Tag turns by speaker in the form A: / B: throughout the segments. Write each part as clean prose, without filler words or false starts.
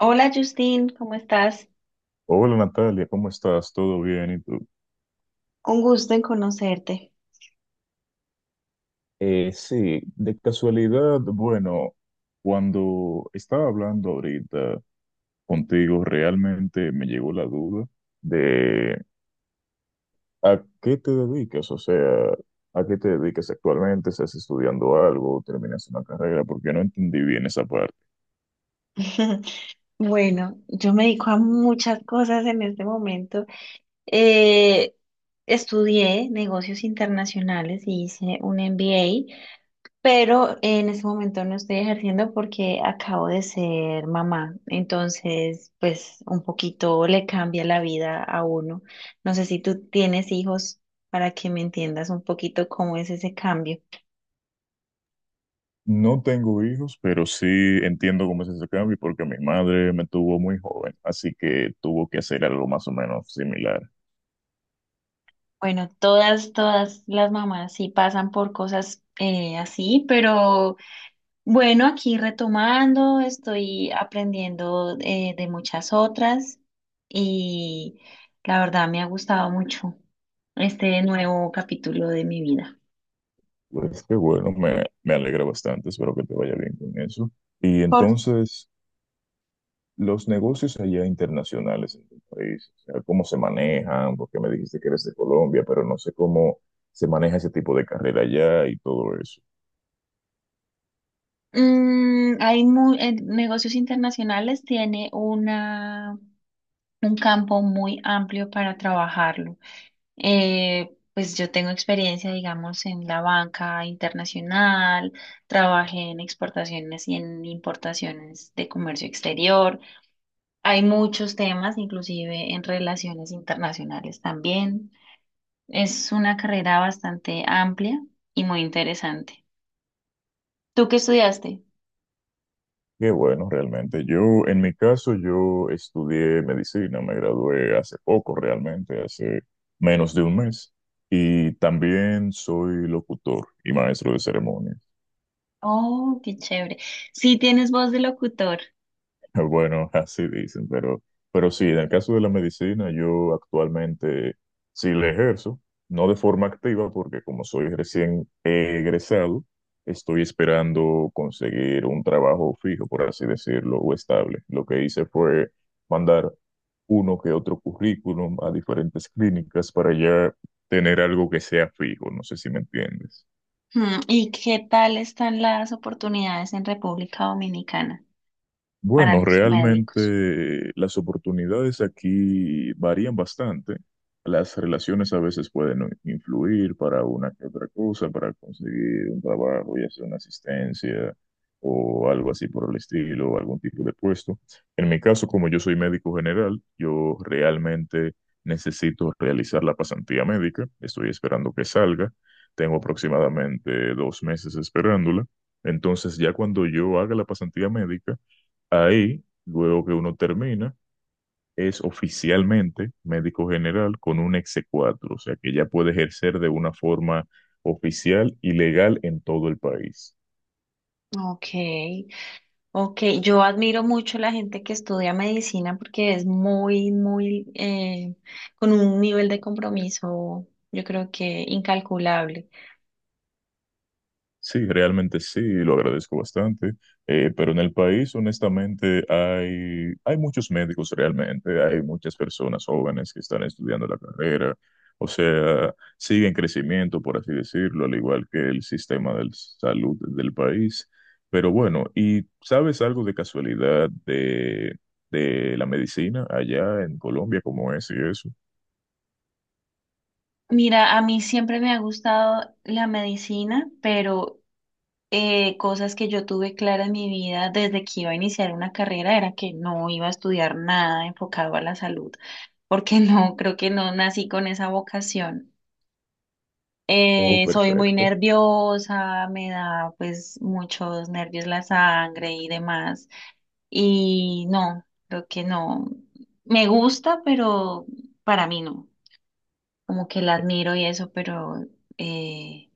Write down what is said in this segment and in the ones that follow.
A: Hola Justin, ¿cómo estás?
B: Hola Natalia, ¿cómo estás? ¿Todo bien? ¿Y tú?
A: Un gusto en conocerte.
B: Sí, de casualidad, bueno, cuando estaba hablando ahorita contigo, realmente me llegó la duda de a qué te dedicas, o sea, a qué te dedicas actualmente, estás estudiando algo, terminas una carrera, porque no entendí bien esa parte.
A: Bueno, yo me dedico a muchas cosas en este momento. Eh, Estudié negocios internacionales y hice un MBA, pero en este momento no estoy ejerciendo porque acabo de ser mamá, entonces pues un poquito le cambia la vida a uno. No sé si tú tienes hijos para que me entiendas un poquito cómo es ese cambio.
B: No tengo hijos, pero sí entiendo cómo es ese cambio, porque mi madre me tuvo muy joven, así que tuvo que hacer algo más o menos similar.
A: Bueno, todas las mamás sí pasan por cosas así, pero bueno, aquí retomando, estoy aprendiendo de muchas otras, y la verdad me ha gustado mucho este nuevo capítulo de mi vida.
B: Pues qué bueno, me alegra bastante, espero que te vaya bien con eso. Y
A: Por,
B: entonces, los negocios allá internacionales en tu país, o sea, ¿cómo se manejan? Porque me dijiste que eres de Colombia, pero no sé cómo se maneja ese tipo de carrera allá y todo eso.
A: mm, hay mu- Negocios internacionales tiene un campo muy amplio para trabajarlo. Pues yo tengo experiencia, digamos, en la banca internacional, trabajé en exportaciones y en importaciones de comercio exterior. Hay muchos temas, inclusive en relaciones internacionales también. Es una carrera bastante amplia y muy interesante. ¿Tú qué estudiaste?
B: Qué bueno, realmente. Yo, en mi caso, yo estudié medicina, me gradué hace poco, realmente, hace menos de un mes. Y también soy locutor y maestro de ceremonias.
A: Oh, qué chévere. Sí tienes voz de locutor.
B: Bueno, así dicen, pero sí, en el caso de la medicina, yo actualmente sí la ejerzo, no de forma activa, porque como soy recién egresado, estoy esperando conseguir un trabajo fijo, por así decirlo, o estable. Lo que hice fue mandar uno que otro currículum a diferentes clínicas para ya tener algo que sea fijo, no sé si me entiendes.
A: Hmm, ¿y qué tal están las oportunidades en República Dominicana para
B: Bueno,
A: los médicos?
B: realmente las oportunidades aquí varían bastante. Las relaciones a veces pueden influir para una que otra cosa, para conseguir un trabajo, ya sea una asistencia o algo así por el estilo, o algún tipo de puesto. En mi caso, como yo soy médico general, yo realmente necesito realizar la pasantía médica. Estoy esperando que salga. Tengo aproximadamente 2 meses esperándola. Entonces, ya cuando yo haga la pasantía médica, ahí, luego que uno termina, es oficialmente médico general con un exe cuatro, o sea que ya puede ejercer de una forma oficial y legal en todo el país.
A: Ok, ok. Yo admiro mucho la gente que estudia medicina porque es con un nivel de compromiso, yo creo que incalculable.
B: Sí, realmente sí, lo agradezco bastante, pero en el país honestamente hay muchos médicos realmente, hay muchas personas jóvenes que están estudiando la carrera, o sea, sigue en crecimiento, por así decirlo, al igual que el sistema de salud del país. Pero bueno, ¿y sabes algo de casualidad de la medicina allá en Colombia, cómo es y eso?
A: Mira, a mí siempre me ha gustado la medicina, pero cosas que yo tuve clara en mi vida desde que iba a iniciar una carrera era que no iba a estudiar nada enfocado a la salud, porque no, creo que no nací con esa vocación.
B: Oh,
A: Soy muy
B: perfecto.
A: nerviosa, me da pues muchos nervios la sangre y demás, y no, creo que no. Me gusta, pero para mí no, como que la admiro y eso, eh,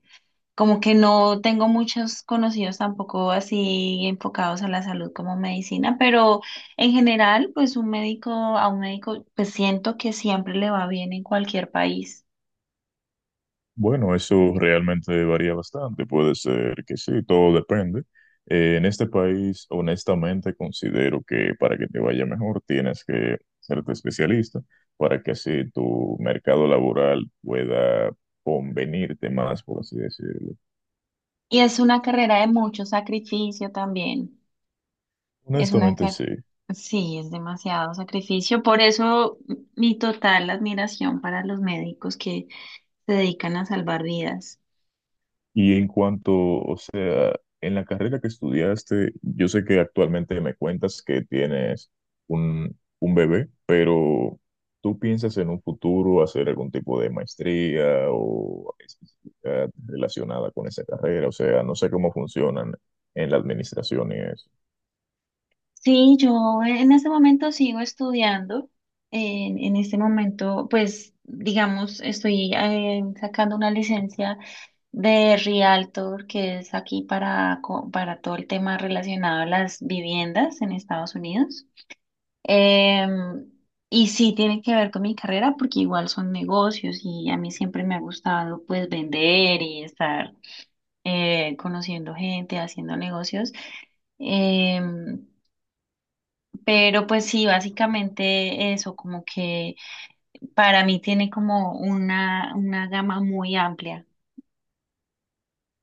A: como que no tengo muchos conocidos tampoco así enfocados a la salud como medicina, pero en general, pues un médico, a un médico, pues siento que siempre le va bien en cualquier país.
B: Bueno, eso realmente varía bastante. Puede ser que sí, todo depende. En este país, honestamente, considero que para que te vaya mejor tienes que serte especialista para que así tu mercado laboral pueda convenirte más, por así decirlo.
A: Y es una carrera de mucho sacrificio también. Es una
B: Honestamente,
A: carrera,
B: sí.
A: sí, es demasiado sacrificio. Por eso mi total admiración para los médicos que se dedican a salvar vidas.
B: Y en cuanto, o sea, en la carrera que estudiaste, yo sé que actualmente me cuentas que tienes un bebé, pero ¿tú piensas en un futuro hacer algún tipo de maestría o especialidad relacionada con esa carrera? O sea, no sé cómo funcionan en la administración y eso.
A: Sí, yo en este momento sigo estudiando. En este momento, pues, digamos, estoy sacando una licencia de Realtor, que es aquí para, para todo el tema relacionado a las viviendas en Estados Unidos. Em, y sí tiene que ver con mi carrera, porque igual son negocios y a mí siempre me ha gustado, pues, vender y estar conociendo gente, haciendo negocios. Em, pero pues sí, básicamente eso, como que para mí tiene como una gama muy amplia.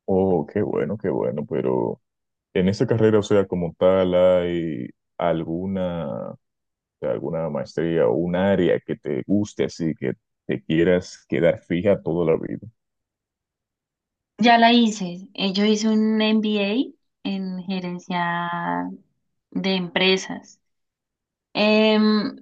B: Oh, qué bueno, pero en esa carrera, o sea, como tal, ¿hay alguna de alguna maestría o un área que te guste, así que te quieras quedar fija toda la vida?
A: Ya la hice, yo hice un MBA en gerencia de empresas. Em,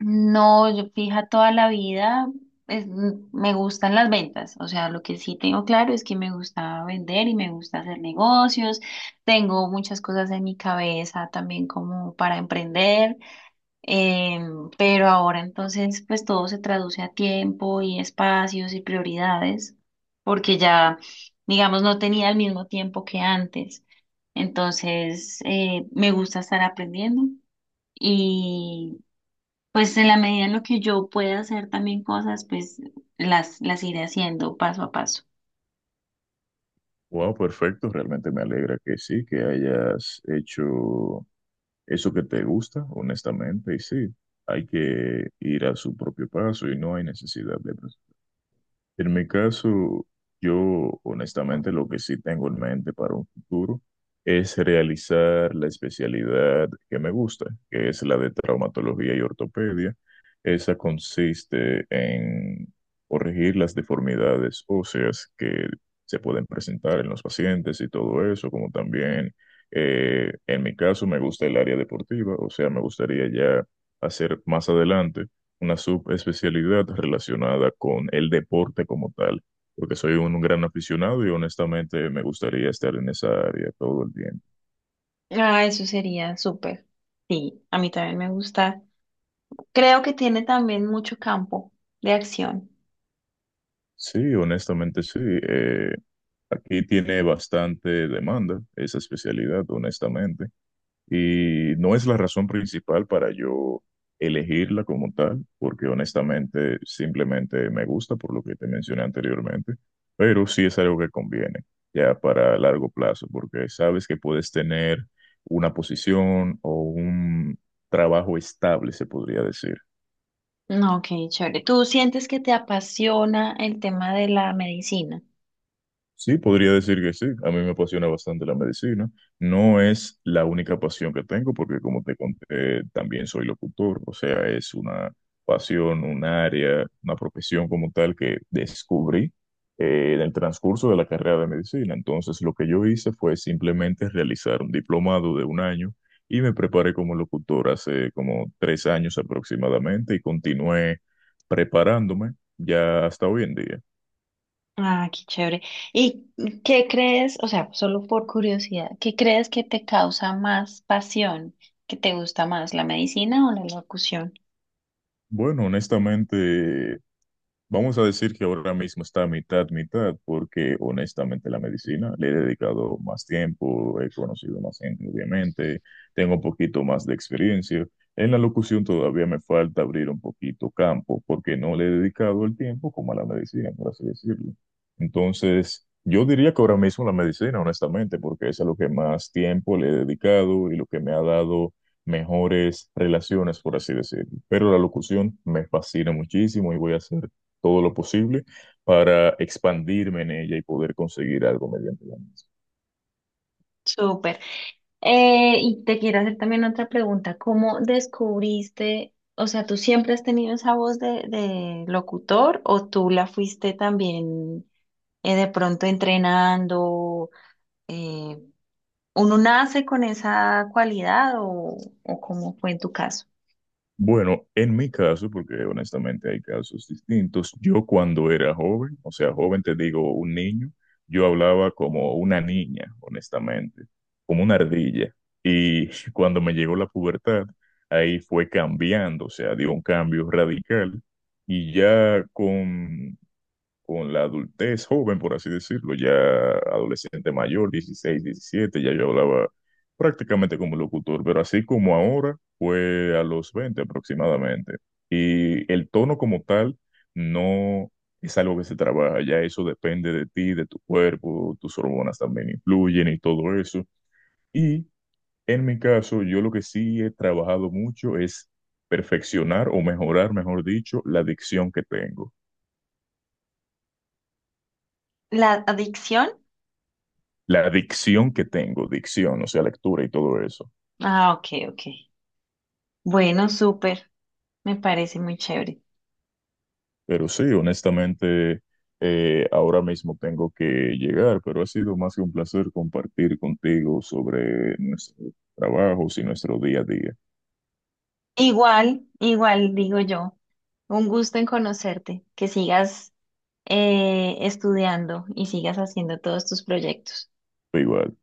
A: no, yo fija toda la vida, me gustan las ventas, o sea, lo que sí tengo claro es que me gusta vender y me gusta hacer negocios, tengo muchas cosas en mi cabeza también como para emprender. Pero ahora entonces pues todo se traduce a tiempo y espacios y prioridades, porque ya, digamos, no tenía el mismo tiempo que antes. Entonces, me gusta estar aprendiendo, y pues en la medida en lo que yo pueda hacer también cosas, pues las iré haciendo paso a paso.
B: Wow, perfecto, realmente me alegra que sí, que hayas hecho eso que te gusta, honestamente, y sí, hay que ir a su propio paso y no hay necesidad de en mi caso, yo honestamente lo que sí tengo en mente para un futuro es realizar la especialidad que me gusta, que es la de traumatología y ortopedia. Esa consiste en corregir las deformidades óseas que se pueden presentar en los pacientes y todo eso, como también en mi caso me gusta el área deportiva, o sea, me gustaría ya hacer más adelante una subespecialidad relacionada con el deporte como tal, porque soy un gran aficionado y honestamente me gustaría estar en esa área todo el tiempo.
A: Ah, eso sería súper. Sí, a mí también me gusta. Creo que tiene también mucho campo de acción.
B: Sí, honestamente sí. Aquí tiene bastante demanda esa especialidad, honestamente. Y no es la razón principal para yo elegirla como tal, porque honestamente simplemente me gusta por lo que te mencioné anteriormente, pero sí es algo que conviene ya para largo plazo, porque sabes que puedes tener una posición o un trabajo estable, se podría decir.
A: No, ok, chévere. ¿Tú sientes que te apasiona el tema de la medicina?
B: Sí, podría decir que sí. A mí me apasiona bastante la medicina. No es la única pasión que tengo, porque como te conté, también soy locutor. O sea, es una pasión, un área, una profesión como tal que descubrí en el transcurso de la carrera de medicina. Entonces, lo que yo hice fue simplemente realizar un diplomado de un año y me preparé como locutor hace como 3 años aproximadamente y continué preparándome ya hasta hoy en día.
A: Ah, qué chévere. ¿Y qué crees, o sea, solo por curiosidad, qué crees que te causa más pasión, que te gusta más, la medicina o la locución?
B: Bueno, honestamente, vamos a decir que ahora mismo está mitad, mitad, porque honestamente la medicina le he dedicado más tiempo, he conocido más gente, obviamente, tengo un poquito más de experiencia. En la locución todavía me falta abrir un poquito campo, porque no le he dedicado el tiempo como a la medicina, por así decirlo. Entonces, yo diría que ahora mismo la medicina, honestamente, porque es a lo que más tiempo le he dedicado y lo que me ha dado mejores relaciones, por así decirlo, pero la locución me fascina muchísimo y voy a hacer todo lo posible para expandirme en ella y poder conseguir algo mediante la misma.
A: Súper. Y te quiero hacer también otra pregunta. ¿Cómo descubriste, o sea, tú siempre has tenido esa voz de locutor o tú la fuiste también de pronto entrenando? Eh, ¿Uno nace con esa cualidad o cómo fue en tu caso?
B: Bueno, en mi caso, porque honestamente hay casos distintos, yo cuando era joven, o sea, joven te digo un niño, yo hablaba como una niña, honestamente, como una ardilla. Y cuando me llegó la pubertad, ahí fue cambiando, o sea, dio un cambio radical. Y ya con la adultez joven, por así decirlo, ya adolescente mayor, 16, 17, ya yo hablaba prácticamente como locutor, pero así como ahora fue a los 20 aproximadamente. Y el tono como tal no es algo que se trabaja, ya eso depende de ti, de tu cuerpo, tus hormonas también influyen y todo eso. Y en mi caso, yo lo que sí he trabajado mucho es perfeccionar o mejorar, mejor dicho, la dicción que tengo.
A: ¿La adicción?
B: La dicción que tengo, dicción, o sea, lectura y todo eso.
A: Ah, ok, ok. Bueno, súper. Me parece muy chévere.
B: Pero sí, honestamente, ahora mismo tengo que llegar, pero ha sido más que un placer compartir contigo sobre nuestros trabajos y nuestro día a día.
A: Igual, igual digo yo. Un gusto en conocerte, que sigas estudiando y sigas haciendo todos tus proyectos.
B: Igual.